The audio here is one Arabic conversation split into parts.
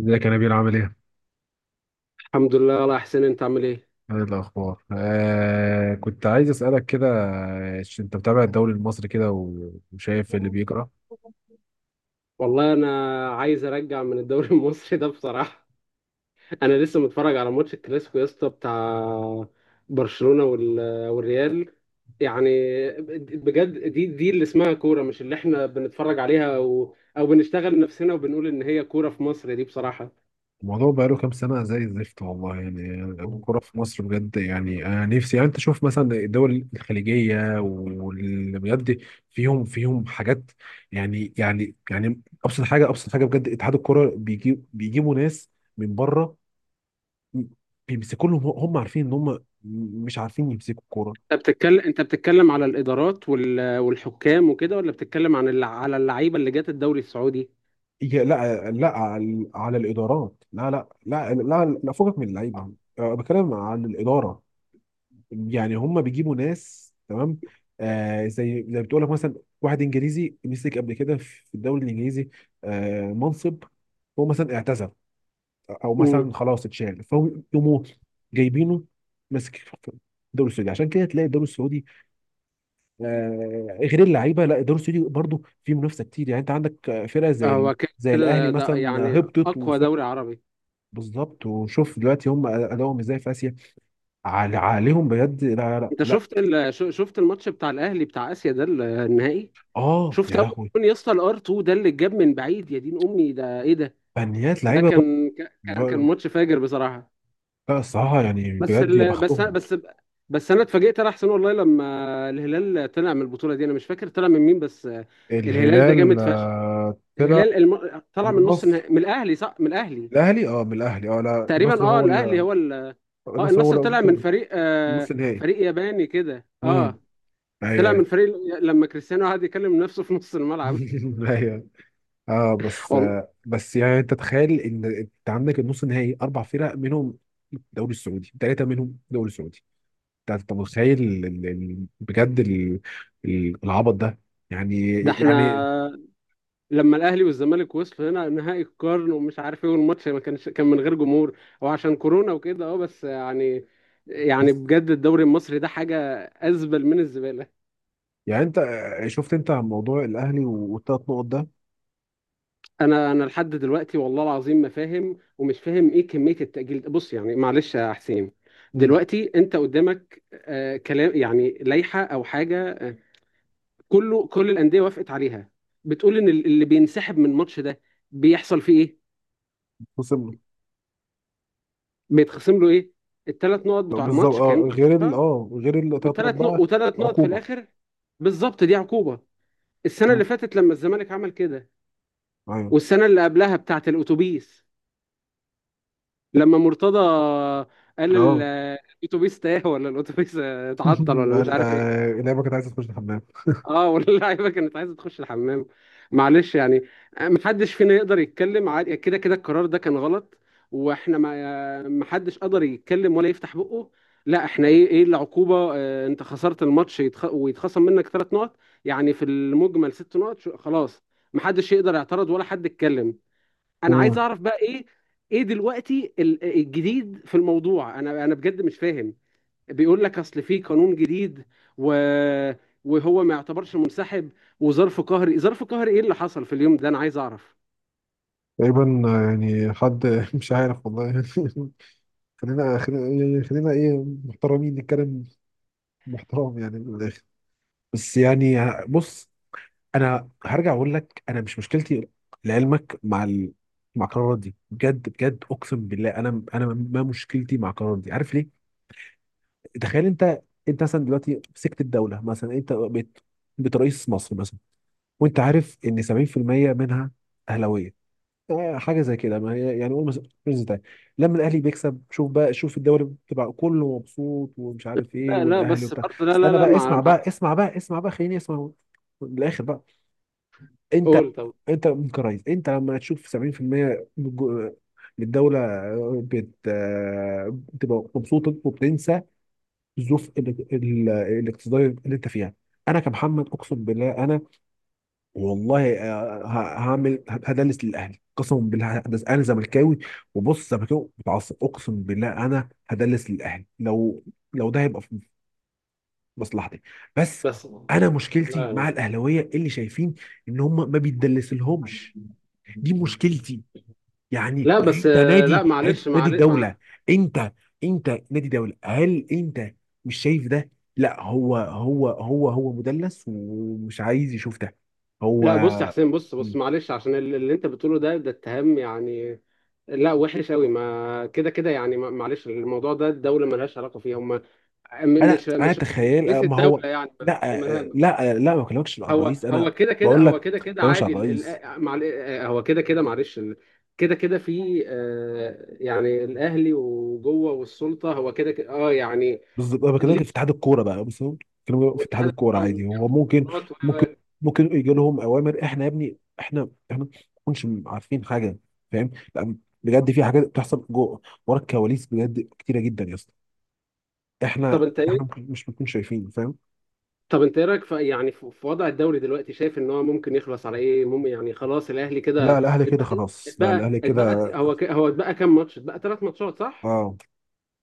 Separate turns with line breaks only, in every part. ازيك يا نبيل؟ عامل ايه؟
الحمد لله والله يا حسين، انت عامل ايه؟
ايه الاخبار؟ كنت عايز اسالك كده، انت متابع الدوري المصري كده وشايف اللي
مم.
بيجرى؟
والله انا عايز ارجع من الدوري المصري ده بصراحه. انا لسه متفرج على ماتش الكلاسيكو يا اسطى، بتاع برشلونه والريال، يعني. بجد، دي اللي اسمها كوره، مش اللي احنا بنتفرج عليها او بنشتغل نفسنا وبنقول ان هي كوره في مصر، دي بصراحه.
الموضوع بقاله كام سنه زي الزفت والله. يعني الكوره في مصر بجد، يعني انا نفسي، يعني انت شوف مثلا الدول الخليجيه واللي بجد فيهم حاجات. يعني ابسط حاجه، بجد اتحاد الكوره بيجيبوا ناس من بره، بيمسكوا لهم، هم عارفين ان هم مش عارفين يمسكوا الكوره.
انت بتتكلم على الادارات والحكام وكده، ولا بتتكلم عن على اللعيبه اللي جت الدوري السعودي؟
لا لا، على على الادارات. لا لا لا لا، لا فوقك من اللعيبه. بتكلم عن الاداره، يعني هم بيجيبوا ناس تمام. آه زي بتقول لك مثلا، واحد انجليزي مسك قبل كده في الدوري الانجليزي، منصب، هو مثلا اعتزل، او
امم
مثلا خلاص اتشال، فهو يقوموا جايبينه ماسك في الدوري السعودي. عشان كده تلاقي الدوري السعودي، غير اللعيبه، لا الدوري السعودي برضه فيه منافسه كتير. يعني انت عندك، فرق زي
هو كده
زي
كده
الاهلي
ده
مثلا
يعني
هبطت.
اقوى دوري عربي.
بالظبط. وشوف دلوقتي هم ادائهم ازاي في اسيا. عليهم بجد. لا لا لا
انت
لا.
شفت شفت الماتش بتاع الاهلي بتاع اسيا ده، النهائي؟
اه
شفت
يا
اول
لهوي.
جون يا اسطى، الار 2 ده اللي اتجاب من بعيد؟ يا دين امي، ده ايه ده؟
فنيات
ده
لعيبه بقى.
كان
بقى-
ماتش فاجر بصراحه.
لا الصراحه يعني
بس
بجد يا
ال... بس
بختهم.
بس بس انا اتفاجئت، انا احسن والله، لما الهلال طلع من البطوله دي. انا مش فاكر طلع من مين، بس الهلال ده
الهلال
جامد فشخ.
آه، طلع
الهلال طلع
من
من نص النهائي
النصر.
من الاهلي، صح؟ من الاهلي،
الاهلي اه من الاهلي، لا
تقريبا،
النصر
اه،
هو
الاهلي
اللي،
هو ال اه
النصر هو
النصر
اللي
طلع من
طلع
فريق،
نص النهائي.
فريق ياباني كده،
امم.
اه.
ايوه
طلع من
ايوه.
فريق لما كريستيانو قعد يكلم نفسه في نص الملعب.
ايوه. اه بس
والله،
بس يعني انت تخيل ان انت عندك النص النهائي اربع فرق منهم، الدوري السعودي، ثلاثه منهم الدوري السعودي. انت متخيل بجد ال- العبط ده. يعني
ده احنا
يعني
لما الاهلي والزمالك وصلوا هنا نهائي القرن ومش عارف ايه، والماتش ما كانش، كان من غير جمهور. هو عشان كورونا وكده، اه، بس يعني، يعني بجد الدوري المصري ده حاجة أزبل من الزبالة.
يعني. انت شفت انت عن موضوع الاهلي والثلاث نقط ده؟
انا لحد دلوقتي والله العظيم ما فاهم، ومش فاهم ايه كميه التاجيل ده. بص يعني، معلش يا حسين،
مم.
دلوقتي انت قدامك كلام يعني، لائحه او حاجه كله، كل الانديه وافقت عليها، بتقول ان اللي بينسحب من الماتش ده بيحصل فيه ايه؟
خصم.
بيتخصم له ايه؟ الثلاث نقط بتوع
بالظبط.
الماتش
اه
كان،
غير ال اه غير الثلاث نقط
والثلاث نقط،
بقى،
وثلاث نقط في
عقوبه.
الاخر. بالظبط، دي عقوبه. السنه
مم.
اللي فاتت لما الزمالك عمل كده،
ايوه.
والسنه اللي قبلها بتاعه الاتوبيس، لما مرتضى قال
اه.
الاتوبيس تاه، ولا الاتوبيس اتعطل، ولا مش
ال-
عارف ايه.
اللعبه كانت عايزه تخش الحمام.
اه، واللعيبه كانت عايزه تخش الحمام. معلش يعني، محدش فينا يقدر يتكلم. عادي، كده كده القرار ده كان غلط، واحنا ما محدش قدر يتكلم ولا يفتح بقه. لا، احنا ايه العقوبه؟ انت خسرت الماتش، ويتخصم منك 3 نقط، يعني في المجمل 6 نقط. خلاص، محدش يقدر يعترض ولا حد يتكلم. انا
مم.
عايز اعرف بقى ايه، ايه دلوقتي الجديد في الموضوع؟ انا بجد مش فاهم. بيقول لك اصل في قانون جديد، و وهو ما يعتبرش منسحب وظرف قهري. ظرف قهري ايه اللي حصل في اليوم ده؟ انا عايز اعرف.
تقريبا. يعني حد مش عارف والله. خلينا ايه محترمين نتكلم، محترم يعني من الاخر. بس يعني، بص. انا هرجع اقول لك: انا مش مشكلتي لعلمك مع ال... مع القرارات دي بجد، بجد، اقسم بالله، انا ما مشكلتي مع القرارات دي. عارف ليه؟ تخيل انت. انت مثلا دلوقتي مسكت الدوله مثلا، انت بقيت رئيس مصر مثلا. وانت عارف ان 70% منها اهلاويه، حاجه زي كده. ما هي يعني قول مثلا رز تاني. لما الاهلي بيكسب، شوف بقى، شوف الدوري بتبقى كله مبسوط، ومش عارف ايه،
لا لا،
والاهلي
بس
وبتاع.
برضه، لا لا
استنى
لا،
بقى،
مع
اسمع
مع
بقى اسمع بقى اسمع بقى خليني اسمع، من الاخر بقى. انت
قول طب.
انت من كرايز. انت لما تشوف 70% من الجو- من الدولة بت... بتبقى مبسوطة وبتنسى الظروف الاقتصادية اللي انت فيها. انا كمحمد اقسم بالله انا، والله، هعمل، هدلس للاهلي قسما بالله، هدلس. انا زملكاوي، وبص، زملكاوي متعصب، اقسم بالله انا هدلس للاهلي لو ده هيبقى في مصلحتي. بس
بس،
انا مشكلتي
لا
مع الاهلاويه اللي شايفين ان هم ما بيتدلسلهمش. دي مشكلتي. يعني
لا،
يعني
بس
انت
آه، لا،
نادي
معلش معلش
الدوله. انت انت نادي دوله، هل انت مش شايف ده؟ لا، هو مدلس ومش عايز يشوف ده هو.
لا، بص يا حسين، بص
مم.
معلش، عشان اللي انت بتقوله ده، اتهام يعني، لا وحش قوي. ما كده كده يعني، ما- معلش، الموضوع ده الدوله ملهاش علاقه فيه، هم م-
انا
مش
انا
مش مش
تخيل
رئيس
ما
الدوله
هو،
يعني، ما-
لا
مالها.
لا لا، ما بكلمكش عن
هو
الرئيس
هو
انا.
كده كده،
بقول لك
هو
ما
كده كده
بكلمكش عن
عادي،
الرئيس.
هو كده كده، معلش كده كده في، يعني الاهلي وجوه والسلطه، هو كده كده، اه، يعني،
بالظبط، انا
ليه؟
بكلمك في اتحاد الكوره بقى. بس هو، بكلمك في اتحاد
والاتحاد
الكوره عادي. هو ممكن ممكن
والقرارات.
ممكن يجي لهم اوامر. احنا يا ابني، احنا ما نكونش عارفين حاجه، فاهم؟ لا، بجد في حاجات بتحصل جوه ورا الكواليس بجد كتيره جدا يا اسطى.
طب
احنا
انت
احنا
ايه
ممكن، مش بنكون شايفين، فاهم؟
طب انت ايه رايك في، يعني في وضع الدوري دلوقتي؟ شايف ان هو ممكن يخلص على ايه؟ مم، يعني خلاص الاهلي
لا
كده
الاهلي كده
اتبقى،
خلاص. لا
اتبقى
الاهلي كده.
اتبقى هو ك- هو اتبقى كام ماتش؟ اتبقى 3 ماتشات، صح؟
اه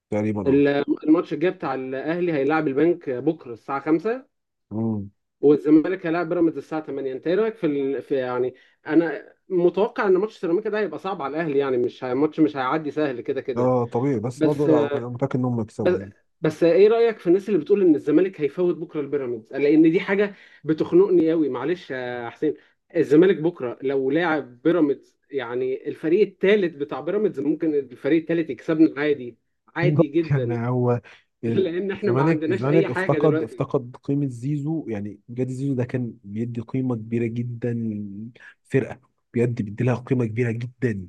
تقريبا اه.
ال- الماتش الجاي بتاع الاهلي هيلاعب البنك بكره الساعه 5،
امم.
والزمالك هيلاعب بيراميدز الساعه 8. انت ايه رايك في يعني، انا متوقع ان ماتش سيراميكا ده هيبقى صعب على الاهلي. يعني مش هي... ماتش مش هيعدي سهل كده كده.
اه طبيعي، بس برضه
بس
لا، انا متاكد انهم يكسبوا
بس
يعني.
بس ايه رأيك في الناس اللي بتقول ان الزمالك هيفوت بكره البيراميدز، لان دي حاجة بتخنقني قوي. معلش يا حسين، الزمالك بكره لو لاعب بيراميدز يعني الفريق الثالث بتاع بيراميدز، ممكن الفريق الثالث يكسبنا عادي، عادي
بالظبط.
جدا.
يعني هو ال-
لان احنا ما
الزمالك.
عندناش اي حاجة دلوقتي.
افتقد قيمة زيزو. يعني بجد زيزو ده كان بيدي قيمة كبيرة جدا للفرقة، بجد بيدي لها قيمة كبيرة جدا.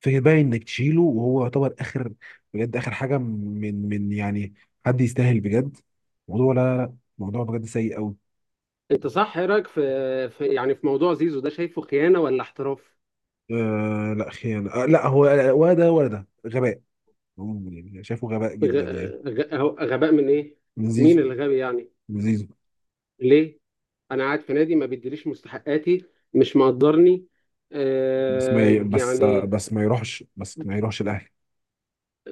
فكرة بقى انك تشيله وهو يعتبر اخر، بجد اخر حاجة من من يعني، حد يستاهل بجد موضوع. لا لا لا، موضوع بجد سيء قوي.
انت صح، ايه رأيك في يعني في موضوع زيزو ده؟ شايفه خيانة ولا احتراف؟
آه لا، خيانة. آه لا، هو ولا ده ولا ده، غباء. يعني شايفه غباء
غ...
جدا يعني.
غباء من ايه؟
من
مين
زيزو.
اللي غبي يعني؟
من زيزو.
ليه؟ انا قاعد في نادي ما بيديليش مستحقاتي، مش مقدرني،
بس ما ي... بس
يعني.
بس ما يروحش، ما يروحش الاهلي.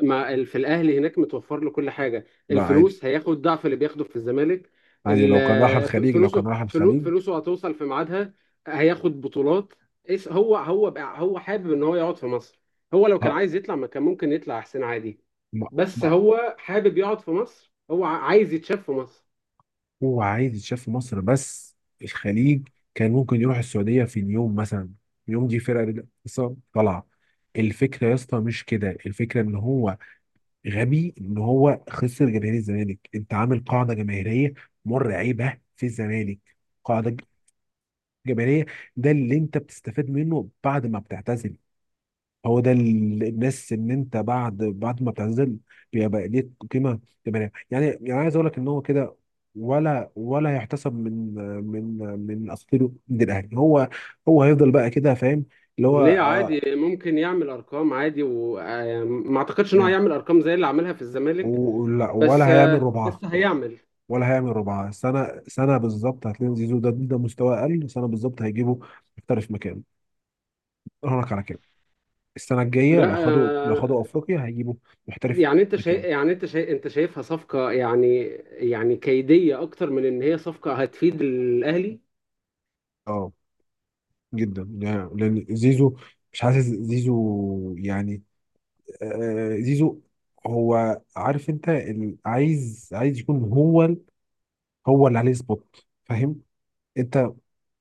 في الاهلي هناك متوفر له كل حاجه،
لا عادي،
الفلوس هياخد ضعف اللي بياخده في الزمالك.
عادي. لو كان راح الخليج،
فلوسه هتوصل في ميعادها، هياخد بطولات. هو حابب ان هو يقعد في مصر. هو لو كان
ه...
عايز يطلع، ما كان ممكن يطلع احسن عادي؟
ما...
بس
ما...
هو حابب يقعد في مصر، هو عايز يتشاف في مصر.
هو عايز يتشاف في مصر بس. الخليج كان ممكن يروح السعوديه في اليوم مثلا، يوم دي فرقه لسه طالعه. الفكره يا اسطى مش كده. الفكره ان هو غبي، ان هو خسر جماهير الزمالك. انت عامل قاعده جماهيريه مرعبه في الزمالك، قاعده ج- جماهيريه. ده اللي انت بتستفاد منه بعد ما بتعتزل. هو ده الناس. ان انت بعد ما بتعتزل بيبقى ليك قيمه. تبقى يعني، يعني عايز اقول لك ان هو كده، ولا يحتسب من من اساطيره من الاهلي. هو هو هيفضل بقى كده فاهم، اللي هو
ليه؟ عادي
آه،
ممكن يعمل ارقام، عادي، وما اعتقدش ان هو
يعني.
هيعمل ارقام زي اللي عملها في الزمالك،
ولا
بس
هيعمل
آه،
ربعها.
بس هيعمل.
ولا هيعمل ربعها. سنه سنه بالظبط هتلاقي زيزو ده، ده مستوى اقل. سنه بالظبط هيجيبه محترف مكانه. اقول لك على كده، السنه الجايه،
لا،
لو خدوا افريقيا هيجيبوا محترف
يعني انت شايف
مكانه.
يعني انت شايف انت شايفها صفقة، يعني يعني كيدية، اكتر من ان هي صفقة هتفيد الاهلي؟
اه جدا يعني، لان زيزو، مش حاسس زيزو يعني، زيزو هو عارف، انت عايز، يكون هو هو اللي عليه سبوت، فاهم؟ انت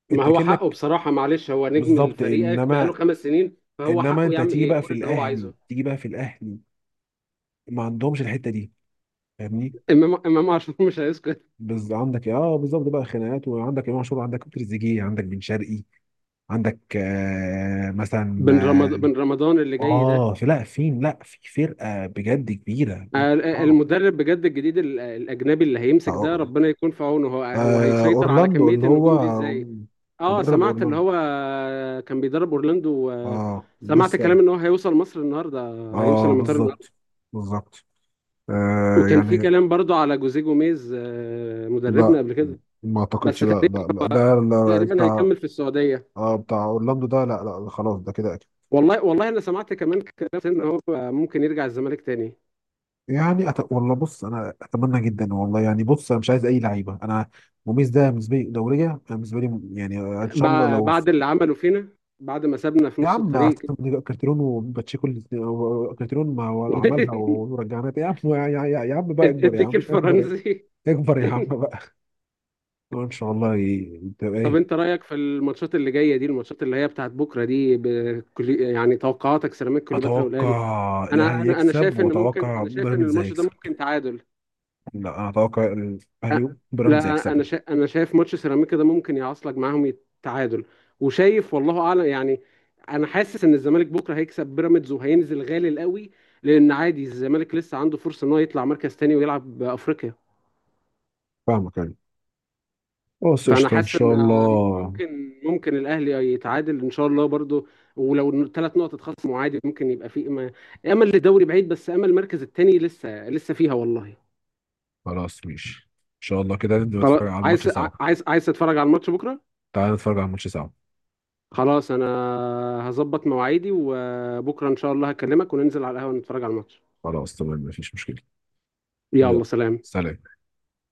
ما
انت
هو حقه
كأنك
بصراحة، معلش، هو نجم
بالظبط.
فريقك بقاله
انما
5 سنين، فهو
انما
حقه
انت
يعمل
تيجي بقى في
يقول اللي هو
الاهلي،
عايزه.
ما عندهمش الحتة دي، فاهمني؟
امام عاشور مش هيسكت.
بز عندك اه بالظبط بقى خناقات، وعندك امام عاشور، عندك تريزيجيه، عندك بن شرقي، عندك آه مثلا
بن رمضان اللي
آه،
جاي
اه
ده،
في، لا في، لا في فرقه بجد كبيره. اه
المدرب بجد الجديد، الاجنبي اللي هيمسك ده،
آه،
ربنا يكون في عونه. هو هيسيطر على
اورلاندو
كميه
اللي هو
النجوم دي ازاي؟ اه،
مدرب
سمعت اللي
اورلاندو.
هو كان بيدرب اورلاندو،
اه
سمعت
لسه.
كلام ان هو هيوصل مصر النهارده، هيوصل
اه
المطار النهارده.
بالظبط. بالظبط،
وكان في
يعني.
كلام برضو على جوزيه جوميز، مدربنا
لا
قبل كده،
ما
بس
اعتقدش. لا
تقريبا
لا لا، ده لا
تقريبا
بتاع،
هيكمل في السعوديه.
اه بتاع اورلاندو ده، لا لا، خلاص ده كده أكيد.
والله والله انا سمعت كمان كلام ان هو ممكن يرجع الزمالك تاني،
يعني والله بص، انا اتمنى جدا والله. يعني بص، انا مش عايز اي لعيبه انا. موميز ده بالنسبه لي دوريه انا، بالنسبه لي يعني ان شاء الله لو.
بعد اللي عمله فينا، بعد ما سابنا في
يا
نص
عم
الطريق.
أصل كارتيرون وباتشيكو كارتيرون، ما هو عملها ورجعنا تاني. يا عم يا عم بقى اكبر، يا
الديك
عم اكبر،
الفرنسي.
اكبر يا عم بقى. أه ان شاء الله تبقى
طب
ايه.
انت رأيك في الماتشات اللي جاية دي، الماتشات اللي هي بتاعت بكرة دي، يعني توقعاتك سيراميكا كليوباترا والأهلي.
اتوقع
انا
الاهلي
انا انا
يكسب
شايف ان ممكن
واتوقع
انا شايف ان
بيراميدز
الماتش ده
هيكسب.
ممكن تعادل.
لا انا اتوقع
أ-
الاهلي وبيراميدز
لا،
هيكسب.
انا شايف ماتش سيراميكا ده ممكن يعصلك معاهم تعادل، وشايف والله اعلم يعني. انا حاسس ان الزمالك بكرة هيكسب بيراميدز وهينزل غالي قوي، لان عادي الزمالك لسه عنده فرصة ان هو يطلع مركز تاني ويلعب بأفريقيا.
فاهمك يعني. بص
فانا
قشطة ان
حاسس ان
شاء الله.
ممكن الاهلي يتعادل ان شاء الله برضو، ولو 3 نقط اتخصموا عادي ممكن يبقى في امل، امل للدوري بعيد، بس امل المركز الثاني لسه فيها والله.
خلاص ماشي ان شاء الله، كده نبدأ
خلاص،
نتفرج على الماتش
عايز
سوا.
عايز عايز تتفرج على الماتش بكره؟
تعال نتفرج على الماتش سوا.
خلاص، انا هظبط مواعيدي وبكره ان شاء الله هكلمك وننزل على القهوه نتفرج على الماتش.
خلاص تمام، مفيش مشكلة. يلا
يلا سلام.
سلام.